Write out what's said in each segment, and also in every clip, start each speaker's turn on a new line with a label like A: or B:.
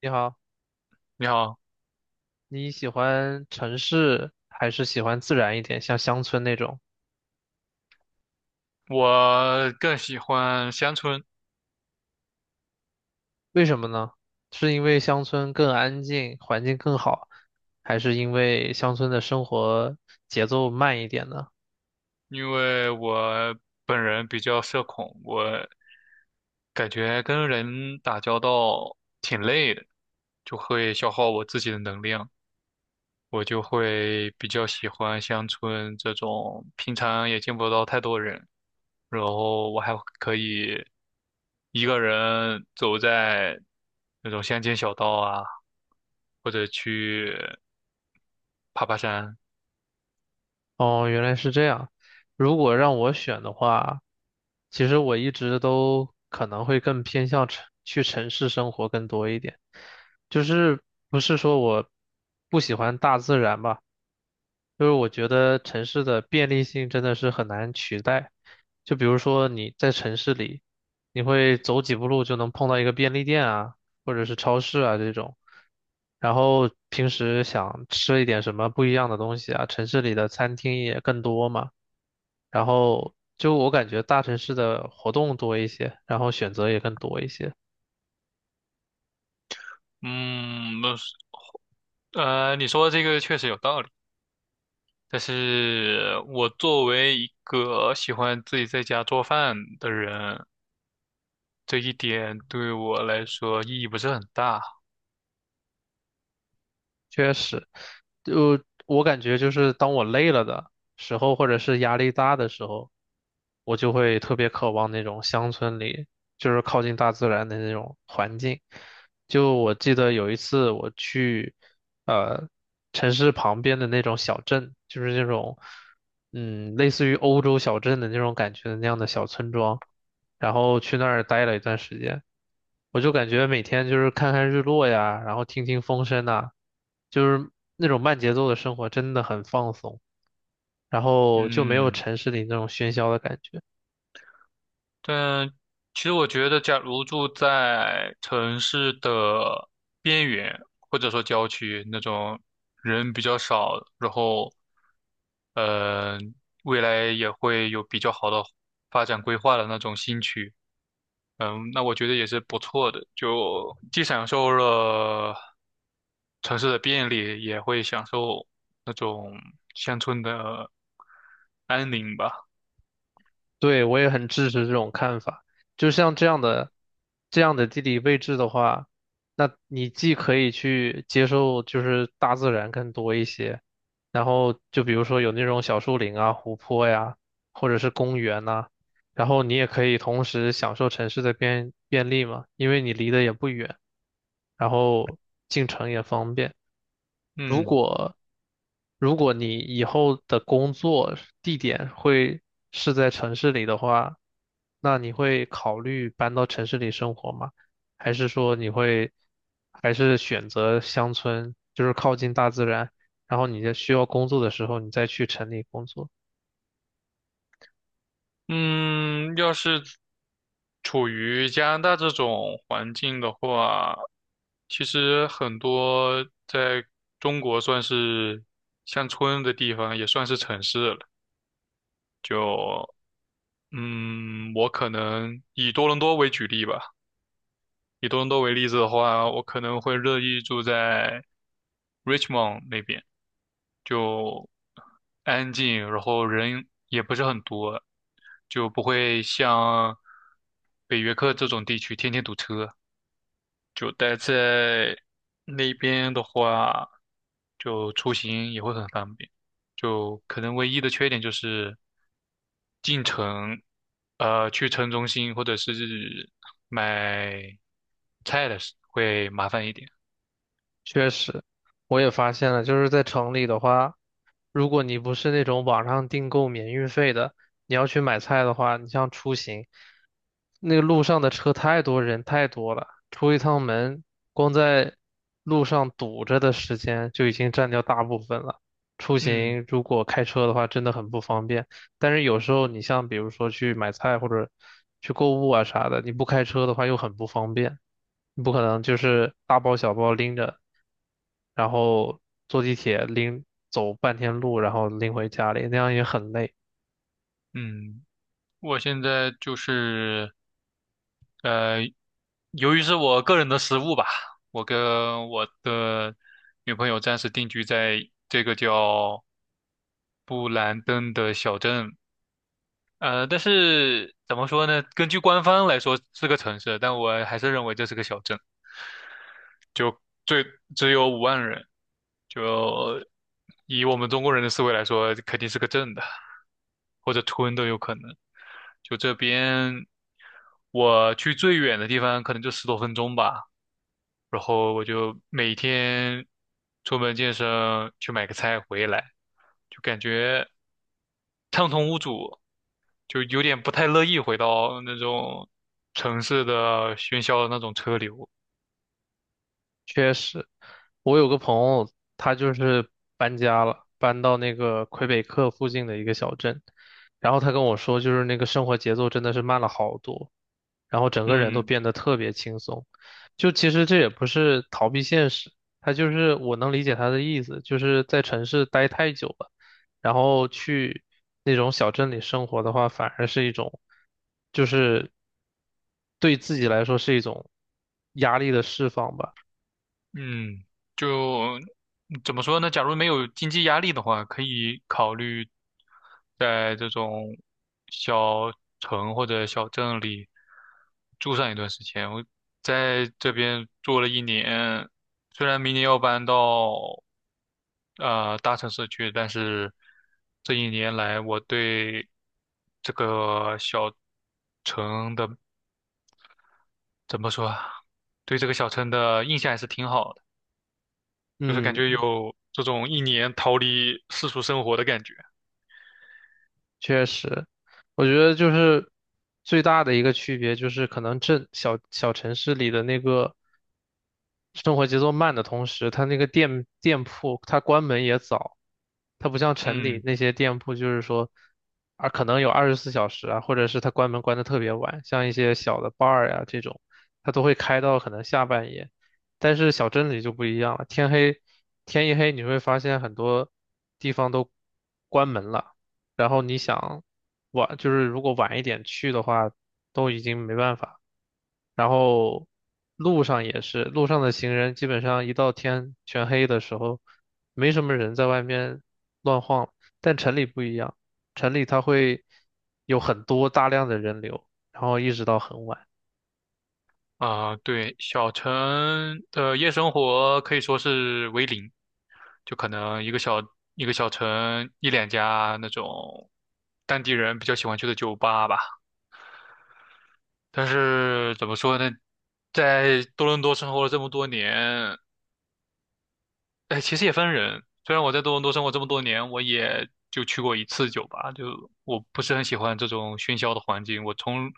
A: 你好，
B: 你好，
A: 你喜欢城市还是喜欢自然一点，像乡村那种？
B: 我更喜欢乡村，
A: 为什么呢？是因为乡村更安静，环境更好，还是因为乡村的生活节奏慢一点呢？
B: 因为我本人比较社恐，我感觉跟人打交道挺累的，就会消耗我自己的能量，我就会比较喜欢乡村这种平常也见不到太多人，然后我还可以一个人走在那种乡间小道啊，或者去爬爬山。
A: 哦，原来是这样。如果让我选的话，其实我一直都可能会更偏向城，去城市生活更多一点，就是不是说我不喜欢大自然吧。就是我觉得城市的便利性真的是很难取代。就比如说你在城市里，你会走几步路就能碰到一个便利店啊，或者是超市啊这种。然后平时想吃一点什么不一样的东西啊，城市里的餐厅也更多嘛。然后就我感觉大城市的活动多一些，然后选择也更多一些。
B: 嗯，你说的这个确实有道理。但是我作为一个喜欢自己在家做饭的人，这一点对我来说意义不是很大。
A: 确实，就我感觉就是当我累了的时候，或者是压力大的时候，我就会特别渴望那种乡村里，就是靠近大自然的那种环境。就我记得有一次我去，呃，城市旁边的那种小镇，就是那种，类似于欧洲小镇的那种感觉的那样的小村庄，然后去那儿待了一段时间。我就感觉每天就是看看日落呀，然后听听风声呐，就是那种慢节奏的生活真的很放松，然后就没有
B: 嗯，
A: 城市里那种喧嚣的感觉。
B: 但其实我觉得，假如住在城市的边缘，或者说郊区那种人比较少，然后，嗯、未来也会有比较好的发展规划的那种新区。嗯，那我觉得也是不错的，就既享受了城市的便利，也会享受那种乡村的安宁吧。
A: 对，我也很支持这种看法。就像这样的地理位置的话，那你既可以去接受就是大自然更多一些，然后就比如说有那种小树林啊、湖泊呀，或者是公园呐，然后你也可以同时享受城市的便利嘛，因为你离得也不远，然后进城也方便。如
B: 嗯
A: 果如果你以后的工作地点会是在城市里的话，那你会考虑搬到城市里生活吗？还是说你会还是选择乡村，就是靠近大自然，然后你在需要工作的时候，你再去城里工作？
B: 嗯，要是处于加拿大这种环境的话，其实很多在中国算是乡村的地方，也算是城市了。就我可能以多伦多为举例吧。以多伦多为例子的话，我可能会乐意住在 Richmond 那边，就安静，然后人也不是很多，就不会像北约克这种地区天天堵车。就待在那边的话，就出行也会很方便。就可能唯一的缺点就是进城，去城中心或者是买菜的时会麻烦一点。
A: 确实，我也发现了，就是在城里的话，如果你不是那种网上订购免运费的，你要去买菜的话，你像出行，那个路上的车太多，人太多了，出一趟门，光在路上堵着的时间就已经占掉大部分了。出
B: 嗯
A: 行如果开车的话，真的很不方便。但是有时候你像比如说去买菜或者去购物啊啥的，你不开车的话又很不方便，你不可能就是大包小包拎着，然后坐地铁拎走半天路，然后拎回家里，那样也很累。
B: 嗯，我现在就是呃，由于是我个人的失误吧，我跟我的女朋友暂时定居在这个叫布兰登的小镇，但是怎么说呢？根据官方来说是个城市，但我还是认为这是个小镇。就最只有5万人，就以我们中国人的思维来说，肯定是个镇的，或者村都有可能。就这边，我去最远的地方可能就10多分钟吧，然后我就每天出门健身，去买个菜回来，就感觉畅通无阻，就有点不太乐意回到那种城市的喧嚣的那种车流。
A: 确实，我有个朋友，他就是搬家了，搬到那个魁北克附近的一个小镇，然后他跟我说，就是那个生活节奏真的是慢了好多，然后整个人都
B: 嗯，
A: 变得特别轻松。就其实这也不是逃避现实，他就是我能理解他的意思，就是在城市待太久了，然后去那种小镇里生活的话，反而是一种，就是对自己来说是一种压力的释放吧。
B: 嗯，就怎么说呢？假如没有经济压力的话，可以考虑在这种小城或者小镇里住上一段时间。我在这边住了一年，虽然明年要搬到大城市去，但是这一年来我对这个小城的怎么说啊，对这个小城的印象还是挺好的。就是感觉
A: 嗯，
B: 有这种一年逃离世俗生活的感觉。
A: 确实，我觉得就是最大的一个区别就是，可能镇小小城市里的那个。生活节奏慢的同时，它那个店铺它关门也早，它不像城里
B: 嗯，
A: 那些店铺，就是说啊可能有二十四小时啊，或者是它关门关的特别晚，像一些小的 bar 呀、这种，它都会开到可能下半夜。但是小镇里就不一样了，天一黑，你会发现很多地方都关门了，然后你想晚，就是如果晚一点去的话，都已经没办法。然后路上也是，路上的行人基本上一到天全黑的时候，没什么人在外面乱晃。但城里不一样，城里它会有很多大量的人流，然后一直到很晚。
B: 啊、对，小城的夜生活可以说是为零，就可能一个小城一两家那种当地人比较喜欢去的酒吧吧。但是怎么说呢，在多伦多生活了这么多年，哎，其实也分人。虽然我在多伦多生活这么多年，我也就去过一次酒吧，就我不是很喜欢这种喧嚣的环境。我从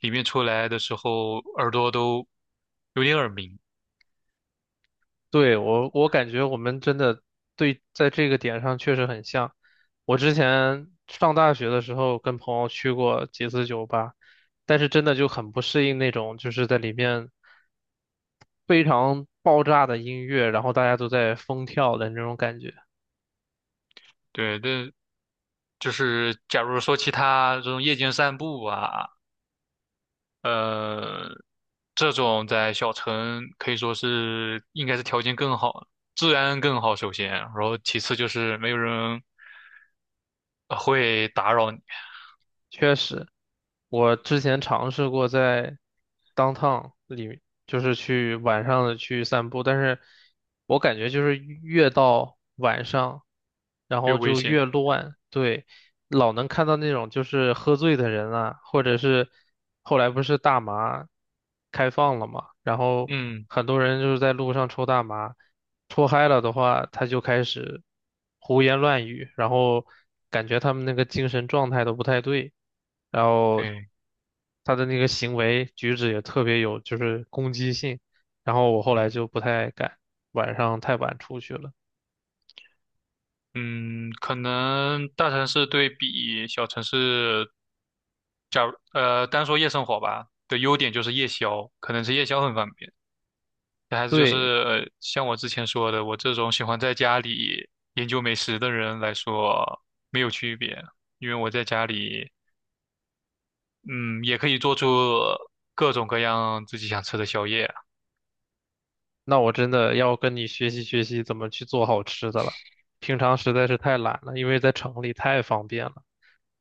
B: 里面出来的时候，耳朵都有点耳鸣。
A: 对，我感觉我们真的对在这个点上确实很像。我之前上大学的时候跟朋友去过几次酒吧，但是真的就很不适应那种就是在里面非常爆炸的音乐，然后大家都在疯跳的那种感觉。
B: 对，但就是假如说其他这种夜间散步啊，呃，这种在小城可以说是应该是条件更好，治安更好，首先，然后其次就是没有人会打扰你，
A: 确实，我之前尝试过在 downtown 里，就是去晚上的去散步，但是我感觉就是越到晚上，然
B: 越
A: 后
B: 危
A: 就
B: 险。
A: 越乱，对，老能看到那种就是喝醉的人啊，或者是后来不是大麻开放了嘛，然后
B: 嗯，
A: 很多人就是在路上抽大麻。脱嗨了的话，他就开始胡言乱语，然后感觉他们那个精神状态都不太对，然后
B: 对。
A: 他的那个行为举止也特别有就是攻击性，然后我后来
B: 嗯。
A: 就不太敢晚上太晚出去了。
B: 嗯，可能大城市对比小城市，单说夜生活吧，的优点就是夜宵，可能是夜宵很方便。还是就是，
A: 对，
B: 像我之前说的，我这种喜欢在家里研究美食的人来说，没有区别，因为我在家里，嗯，也可以做出各种各样自己想吃的宵夜啊。
A: 那我真的要跟你学习学习怎么去做好吃的了，平常实在是太懒了，因为在城里太方便了。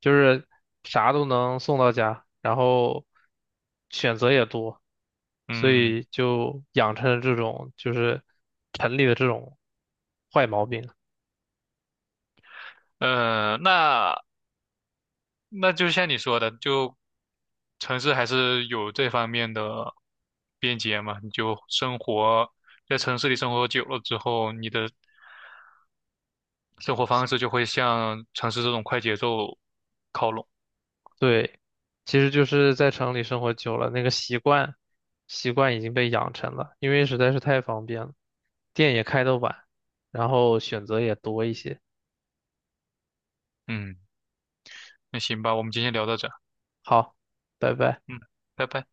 A: 就是啥都能送到家，然后选择也多，所
B: 嗯，
A: 以就养成了这种就是城里的这种坏毛病。
B: 呃，那那就像你说的，就城市还是有这方面的便捷嘛。你就生活在城市里生活久了之后，你的生活方式就会向城市这种快节奏靠拢。
A: 对，其实就是在城里生活久了，那个习惯已经被养成了，因为实在是太方便了，店也开得晚，然后选择也多一些。
B: 嗯，那行吧，我们今天聊到这儿
A: 好，拜拜。
B: 嗯，拜拜。